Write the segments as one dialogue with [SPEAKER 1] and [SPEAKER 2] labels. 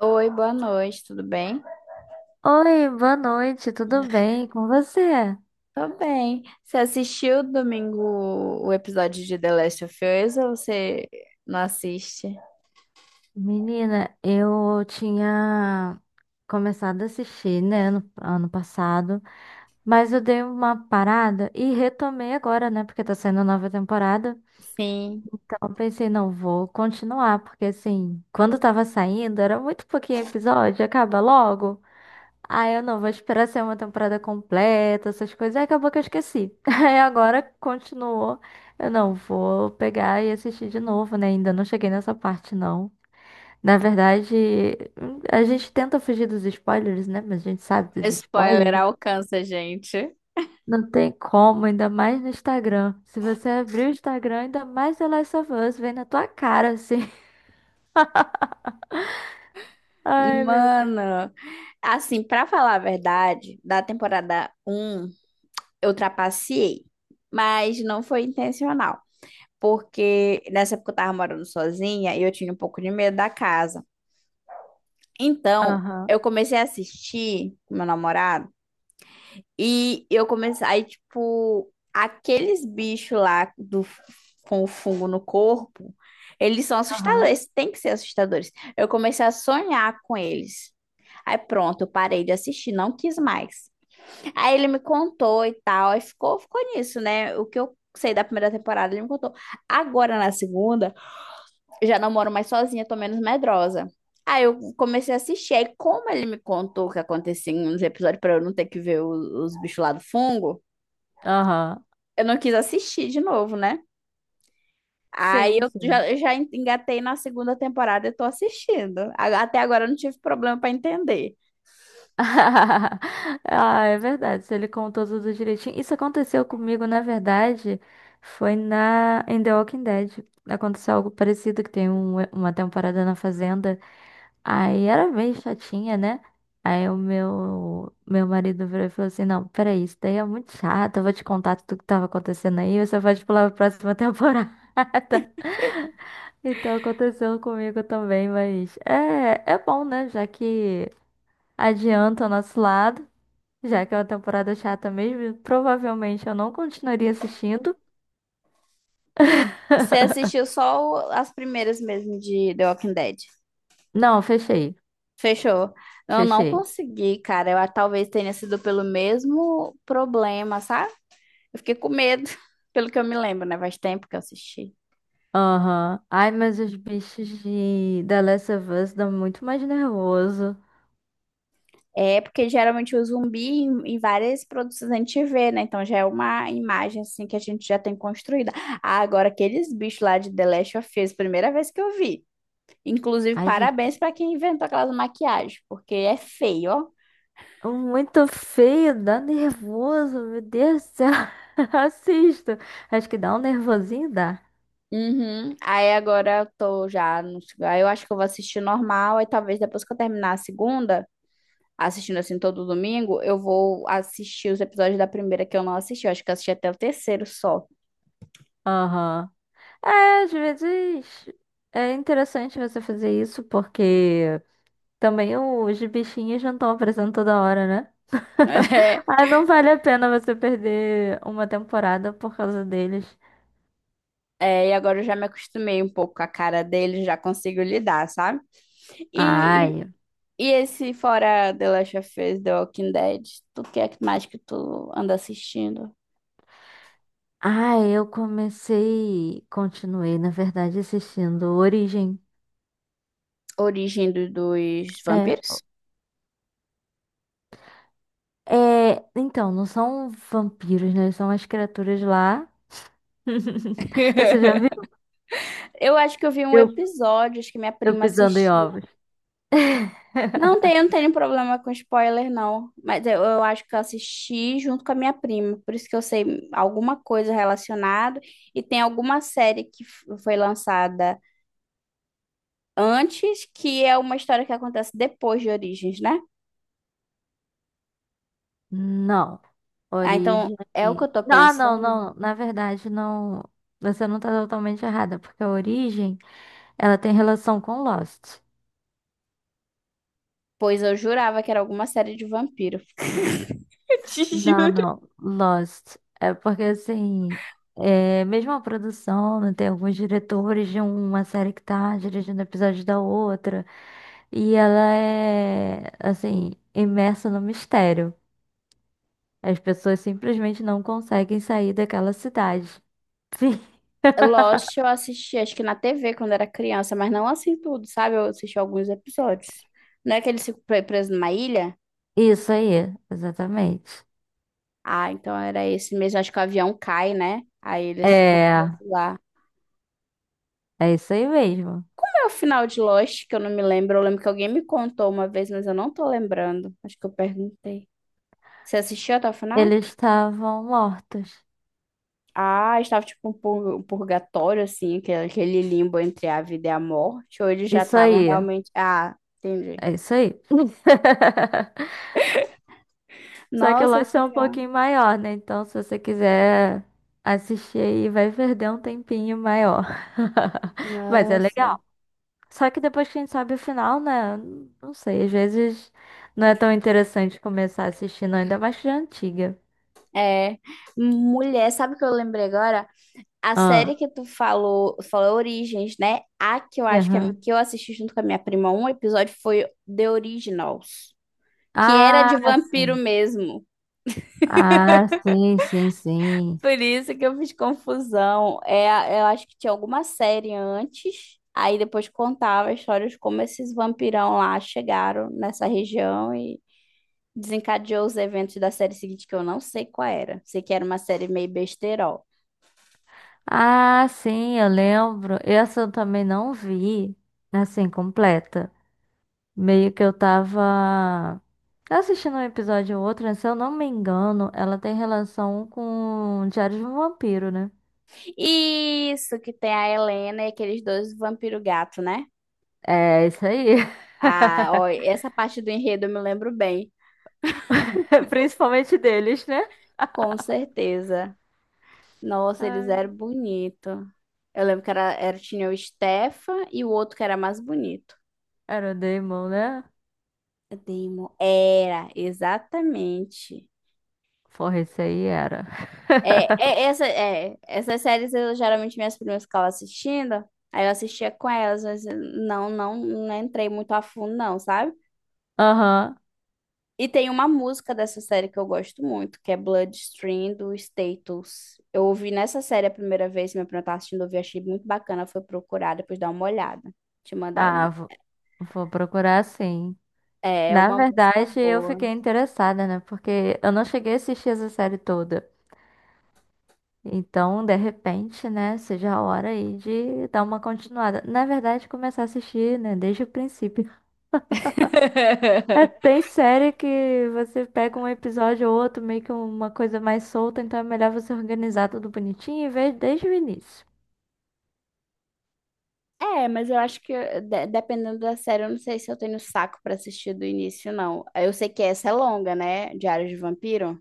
[SPEAKER 1] Oi, boa noite, tudo bem?
[SPEAKER 2] Oi, boa noite, tudo bem com você?
[SPEAKER 1] Tô bem. Você assistiu domingo o episódio de The Last of Us ou você não assiste?
[SPEAKER 2] Menina, eu tinha começado a assistir, né, no ano passado, mas eu dei uma parada e retomei agora, né, porque tá saindo nova temporada.
[SPEAKER 1] Sim,
[SPEAKER 2] Então eu pensei, não, vou continuar, porque assim, quando tava saindo, era muito pouquinho episódio, acaba logo. Ah, eu não, vou esperar ser uma temporada completa, essas coisas. Aí acabou que eu esqueci. Aí agora continuou. Eu não vou pegar e assistir de novo, né? Ainda não cheguei nessa parte, não. Na verdade, a gente tenta fugir dos spoilers, né? Mas a gente sabe dos
[SPEAKER 1] spoiler
[SPEAKER 2] spoilers.
[SPEAKER 1] alcança a gente.
[SPEAKER 2] Não tem como, ainda mais no Instagram. Se você abrir o Instagram, ainda mais The Last of Us vem na tua cara, assim. Ai, meu Deus.
[SPEAKER 1] Mano, assim, pra falar a verdade, da temporada um eu trapaceei, mas não foi intencional, porque nessa época eu tava morando sozinha e eu tinha um pouco de medo da casa. Então,
[SPEAKER 2] Aham,
[SPEAKER 1] eu comecei a assistir com meu namorado. E eu comecei, aí, tipo, aqueles bichos lá do, com o fungo no corpo, eles são
[SPEAKER 2] aham,
[SPEAKER 1] assustadores, tem que ser assustadores. Eu comecei a sonhar com eles. Aí pronto, eu parei de assistir, não quis mais. Aí ele me contou e tal, aí ficou nisso, né? O que eu sei da primeira temporada, ele me contou. Agora na segunda, já não moro mais sozinha, tô menos medrosa. Aí eu comecei a assistir, aí como ele me contou o que acontecia nos episódios pra eu não ter que ver os bichos lá do fungo,
[SPEAKER 2] aham.
[SPEAKER 1] eu não quis assistir de novo, né? Aí
[SPEAKER 2] Sim,
[SPEAKER 1] eu
[SPEAKER 2] sim.
[SPEAKER 1] já, já engatei na segunda temporada e tô assistindo. Até agora eu não tive problema pra entender.
[SPEAKER 2] Ah, é verdade. Se ele contou tudo direitinho. Isso aconteceu comigo, na verdade, foi na em The Walking Dead. Aconteceu algo parecido, que tem uma temporada na fazenda. Aí era bem chatinha, né? Aí o meu marido virou e falou assim: Não, peraí, isso daí é muito chato. Eu vou te contar tudo que tava acontecendo aí. Você pode pular pra próxima temporada. Então aconteceu comigo também, mas é bom, né? Já que adianta o nosso lado. Já que é uma temporada chata mesmo, provavelmente eu não continuaria assistindo.
[SPEAKER 1] Você assistiu só as primeiras mesmo de The Walking Dead?
[SPEAKER 2] Não, fechei.
[SPEAKER 1] Fechou. Eu não
[SPEAKER 2] Fechei.
[SPEAKER 1] consegui, cara. Eu talvez tenha sido pelo mesmo problema, sabe? Eu fiquei com medo, pelo que eu me lembro, né? Faz tempo que eu assisti.
[SPEAKER 2] Aham. Ai, mas os bichos de The Last of Us dão muito mais nervoso.
[SPEAKER 1] É porque geralmente o zumbi em várias produções a gente vê, né? Então já é uma imagem assim que a gente já tem construída. Ah, agora aqueles bichos lá de The Last of Us, primeira vez que eu vi. Inclusive,
[SPEAKER 2] Ai, gente,
[SPEAKER 1] parabéns pra quem inventou aquelas maquiagens, porque é feio, ó.
[SPEAKER 2] é muito feio, dá nervoso, meu Deus do céu. Assisto. Acho que dá um nervosinho, dá.
[SPEAKER 1] Uhum. Aí agora eu tô já no... Aí eu acho que eu vou assistir normal, aí talvez depois que eu terminar a segunda, assistindo assim todo domingo, eu vou assistir os episódios da primeira que eu não assisti. Eu acho que eu assisti até o terceiro só.
[SPEAKER 2] Aham. É, às vezes é interessante você fazer isso, porque também os bichinhos não estão aparecendo toda hora, né? Ah, não vale a pena você perder uma temporada por causa deles.
[SPEAKER 1] É, é, e agora eu já me acostumei um pouco com a cara dele, já consigo lidar, sabe? E, e,
[SPEAKER 2] Ai.
[SPEAKER 1] e esse fora The Last of Us, The Walking Dead, tu que é que mais que tu anda assistindo?
[SPEAKER 2] Ai, eu comecei. Continuei, na verdade, assistindo Origem.
[SPEAKER 1] Origem dos
[SPEAKER 2] É.
[SPEAKER 1] vampiros?
[SPEAKER 2] É, então, não são vampiros, né? São as criaturas lá. Você já viu?
[SPEAKER 1] Eu acho que eu vi um
[SPEAKER 2] Eu,
[SPEAKER 1] episódio, acho que minha
[SPEAKER 2] eu
[SPEAKER 1] prima
[SPEAKER 2] pisando em
[SPEAKER 1] assistiu.
[SPEAKER 2] ovos.
[SPEAKER 1] Não tenho, não tenho problema com spoiler, não. Mas eu acho que eu assisti junto com a minha prima. Por isso que eu sei alguma coisa relacionada. E tem alguma série que foi lançada antes, que é uma história que acontece depois de Origens, né?
[SPEAKER 2] Não.
[SPEAKER 1] Ah, então
[SPEAKER 2] Origem.
[SPEAKER 1] é o que eu tô
[SPEAKER 2] Ah, não,
[SPEAKER 1] pensando.
[SPEAKER 2] não. Na verdade, não. Você não tá totalmente errada, porque a Origem, ela tem relação com Lost.
[SPEAKER 1] Pois eu jurava que era alguma série de vampiro. Eu te
[SPEAKER 2] Não,
[SPEAKER 1] juro.
[SPEAKER 2] não, Lost. É porque assim, é mesmo a produção, né, tem alguns diretores de uma série que tá dirigindo episódios da outra, e ela é assim, imersa no mistério. As pessoas simplesmente não conseguem sair daquela cidade. Sim,
[SPEAKER 1] Lost eu assisti, acho que na TV quando era criança, mas não assim tudo, sabe? Eu assisti alguns episódios. Não é que eles ficam presos numa ilha?
[SPEAKER 2] isso aí, exatamente.
[SPEAKER 1] Ah, então era esse mesmo. Acho que o avião cai, né? Aí eles ficam presos
[SPEAKER 2] É,
[SPEAKER 1] lá.
[SPEAKER 2] é isso aí mesmo.
[SPEAKER 1] É o final de Lost, que eu não me lembro. Eu lembro que alguém me contou uma vez, mas eu não tô lembrando. Acho que eu perguntei. Você assistiu até o final?
[SPEAKER 2] Eles estavam mortos.
[SPEAKER 1] Ah, estava tipo um um purgatório, assim, aquele limbo entre a vida e a morte. Ou eles já
[SPEAKER 2] Isso
[SPEAKER 1] estavam
[SPEAKER 2] aí,
[SPEAKER 1] realmente. Ah, entendi.
[SPEAKER 2] é isso aí. Só que o
[SPEAKER 1] Nossa,
[SPEAKER 2] Lost
[SPEAKER 1] que
[SPEAKER 2] é um
[SPEAKER 1] legal.
[SPEAKER 2] pouquinho maior, né? Então, se você quiser assistir aí, vai perder um tempinho maior. Mas é
[SPEAKER 1] Nossa.
[SPEAKER 2] legal. Só que depois que a gente sabe o final, né? Não sei, às vezes não é tão interessante começar assistindo, ainda mais que de antiga.
[SPEAKER 1] É, mulher, sabe o que eu lembrei agora? A série
[SPEAKER 2] Ah,
[SPEAKER 1] que tu falou, falou Origens, né? A que eu acho que, é,
[SPEAKER 2] aham.
[SPEAKER 1] que eu assisti junto com a minha prima, um episódio foi The Originals, que era
[SPEAKER 2] Ah,
[SPEAKER 1] de vampiro
[SPEAKER 2] sim.
[SPEAKER 1] mesmo.
[SPEAKER 2] Ah, sim, sim, sim.
[SPEAKER 1] Por isso que eu fiz confusão. É, eu acho que tinha alguma série antes, aí depois contava a história de como esses vampirão lá chegaram nessa região e desencadeou os eventos da série seguinte, que eu não sei qual era. Sei que era uma série meio besterol.
[SPEAKER 2] Ah, sim, eu lembro. Essa eu também não vi, assim, completa. Meio que eu tava assistindo um episódio ou outro, né? Se eu não me engano, ela tem relação com Diário de um Vampiro, né?
[SPEAKER 1] Isso, que tem a Helena e aqueles dois vampiro gato, né?
[SPEAKER 2] É, isso aí.
[SPEAKER 1] Ah, ó, essa parte do enredo eu me lembro bem,
[SPEAKER 2] Principalmente deles, né?
[SPEAKER 1] com certeza. Nossa, eles
[SPEAKER 2] Ai,
[SPEAKER 1] eram bonitos. Eu lembro que era, tinha o Stefan e o outro que era mais bonito.
[SPEAKER 2] era o Daemon, né?
[SPEAKER 1] Demo. Era, exatamente.
[SPEAKER 2] Porra, isso aí era.
[SPEAKER 1] Essas séries eu geralmente minhas primas ficavam assistindo, aí eu assistia com elas, mas eu não entrei muito a fundo, não, sabe?
[SPEAKER 2] Aham.
[SPEAKER 1] E tem uma música dessa série que eu gosto muito, que é Bloodstream do Status. Eu ouvi nessa série a primeira vez, meu primo tava assistindo, eu ouvi, achei muito bacana, foi procurar, depois dar uma olhada. Te mandar o
[SPEAKER 2] Ah,
[SPEAKER 1] nome.
[SPEAKER 2] vou procurar sim.
[SPEAKER 1] É é
[SPEAKER 2] Na
[SPEAKER 1] uma música
[SPEAKER 2] verdade, eu fiquei
[SPEAKER 1] boa.
[SPEAKER 2] interessada, né? Porque eu não cheguei a assistir essa série toda. Então, de repente, né, seja a hora aí de dar uma continuada. Na verdade, começar a assistir, né, desde o princípio. É, tem série que você pega um episódio ou outro, meio que uma coisa mais solta, então é melhor você organizar tudo bonitinho e ver desde o início.
[SPEAKER 1] É, mas eu acho que dependendo da série, eu não sei se eu tenho saco pra assistir do início, não. Eu sei que essa é longa, né? Diário de Vampiro?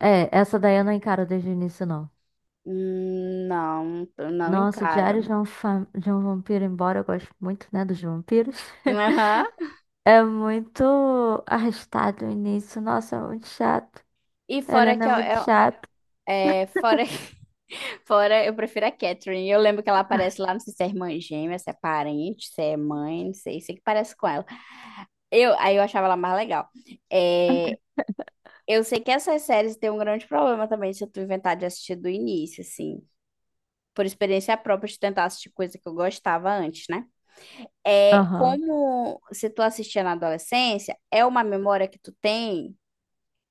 [SPEAKER 2] É, essa daí eu não encaro desde o início, não.
[SPEAKER 1] Não, eu não
[SPEAKER 2] Nossa, Diário
[SPEAKER 1] encaro.
[SPEAKER 2] de um Vampiro, embora eu goste muito, né, dos vampiros,
[SPEAKER 1] Aham.
[SPEAKER 2] é muito arrastado o início. Nossa, é muito chato.
[SPEAKER 1] E fora
[SPEAKER 2] Helena
[SPEAKER 1] que
[SPEAKER 2] é muito chata.
[SPEAKER 1] é, fora fora, eu prefiro a Catherine. Eu lembro que ela aparece lá, não sei se é irmã gêmea, se é parente, se é mãe, não sei, sei que parece com ela. Eu, aí eu achava ela mais legal. É, eu sei que essas séries têm um grande problema também se tu inventar de assistir do início, assim, por experiência própria de tentar assistir coisa que eu gostava antes, né? É,
[SPEAKER 2] Aham.
[SPEAKER 1] como se tu assistia na adolescência, é uma memória que tu tem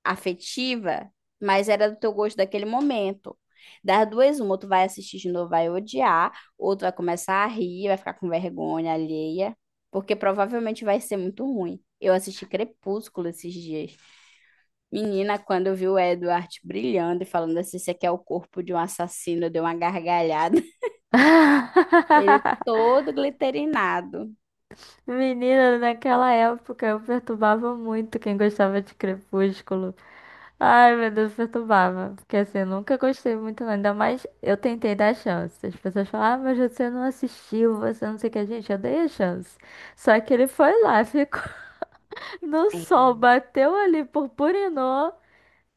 [SPEAKER 1] afetiva, mas era do teu gosto daquele momento. Das duas, uma, ou tu vai assistir de novo, vai odiar, ou tu vai começar a rir, vai ficar com vergonha alheia, porque provavelmente vai ser muito ruim. Eu assisti Crepúsculo esses dias. Menina, quando eu vi o Edward brilhando e falando assim, esse aqui é o corpo de um assassino, deu uma gargalhada. Ele todo glitterinado.
[SPEAKER 2] Menina, naquela época eu perturbava muito quem gostava de Crepúsculo. Ai, meu Deus, perturbava. Porque assim, eu nunca gostei muito, não. Ainda mais eu tentei dar chance. As pessoas falam, ah, mas você não assistiu, você não sei o que. Gente, eu dei a chance. Só que ele foi lá, ficou no
[SPEAKER 1] É.
[SPEAKER 2] sol, bateu ali, purpurinou.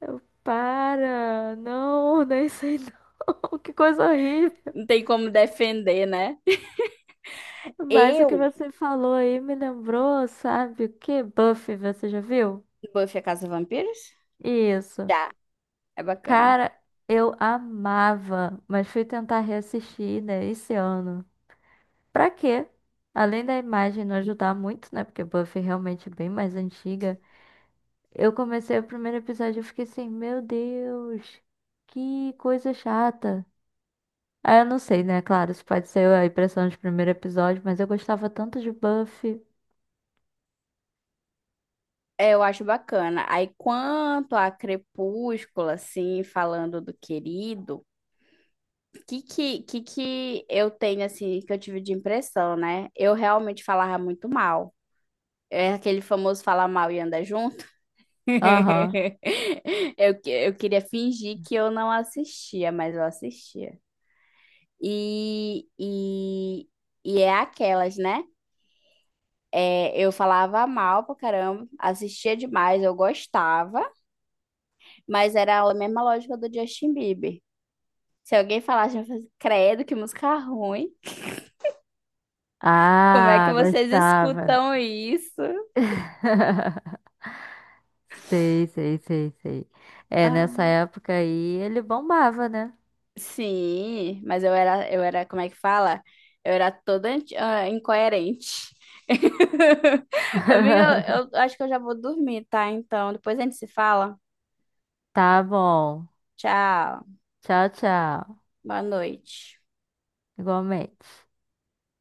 [SPEAKER 2] Eu, para, não, nem sei não. Que coisa horrível.
[SPEAKER 1] Não tem como defender, né?
[SPEAKER 2] Mas o que
[SPEAKER 1] Eu,
[SPEAKER 2] você falou aí me lembrou, sabe o que? Buffy, você já viu?
[SPEAKER 1] Buffy a Casa dos Vampiros?
[SPEAKER 2] Isso.
[SPEAKER 1] Já, é bacana.
[SPEAKER 2] Cara, eu amava, mas fui tentar reassistir, né, esse ano. Pra quê? Além da imagem não ajudar muito, né? Porque Buffy é realmente bem mais antiga. Eu comecei o primeiro episódio e fiquei assim, meu Deus, que coisa chata. Ah, eu não sei, né? Claro, isso pode ser a impressão de primeiro episódio, mas eu gostava tanto de Buffy.
[SPEAKER 1] É, eu acho bacana. Aí, quanto a Crepúsculo, assim, falando do querido, que eu tenho, assim, que eu tive de impressão, né? Eu realmente falava muito mal. É aquele famoso falar mal e andar junto.
[SPEAKER 2] Aham.
[SPEAKER 1] Eu, eu queria fingir que eu não assistia, mas eu assistia. E, e, e é aquelas, né? É, eu falava mal pra caramba, assistia demais, eu gostava. Mas era a mesma lógica do Justin Bieber. Se alguém falasse, eu ia fazer, credo, que música ruim. Como é que
[SPEAKER 2] Ah,
[SPEAKER 1] vocês
[SPEAKER 2] gostava, né?
[SPEAKER 1] escutam isso?
[SPEAKER 2] Sei, sei, sei, sei. É,
[SPEAKER 1] Ah,
[SPEAKER 2] nessa época aí ele bombava, né?
[SPEAKER 1] sim, mas eu era, como é que fala? Eu era toda incoerente. Amiga, eu acho que eu já vou dormir, tá? Então, depois a gente se fala.
[SPEAKER 2] Tá bom.
[SPEAKER 1] Tchau.
[SPEAKER 2] Tchau, tchau.
[SPEAKER 1] Boa noite.
[SPEAKER 2] Igualmente.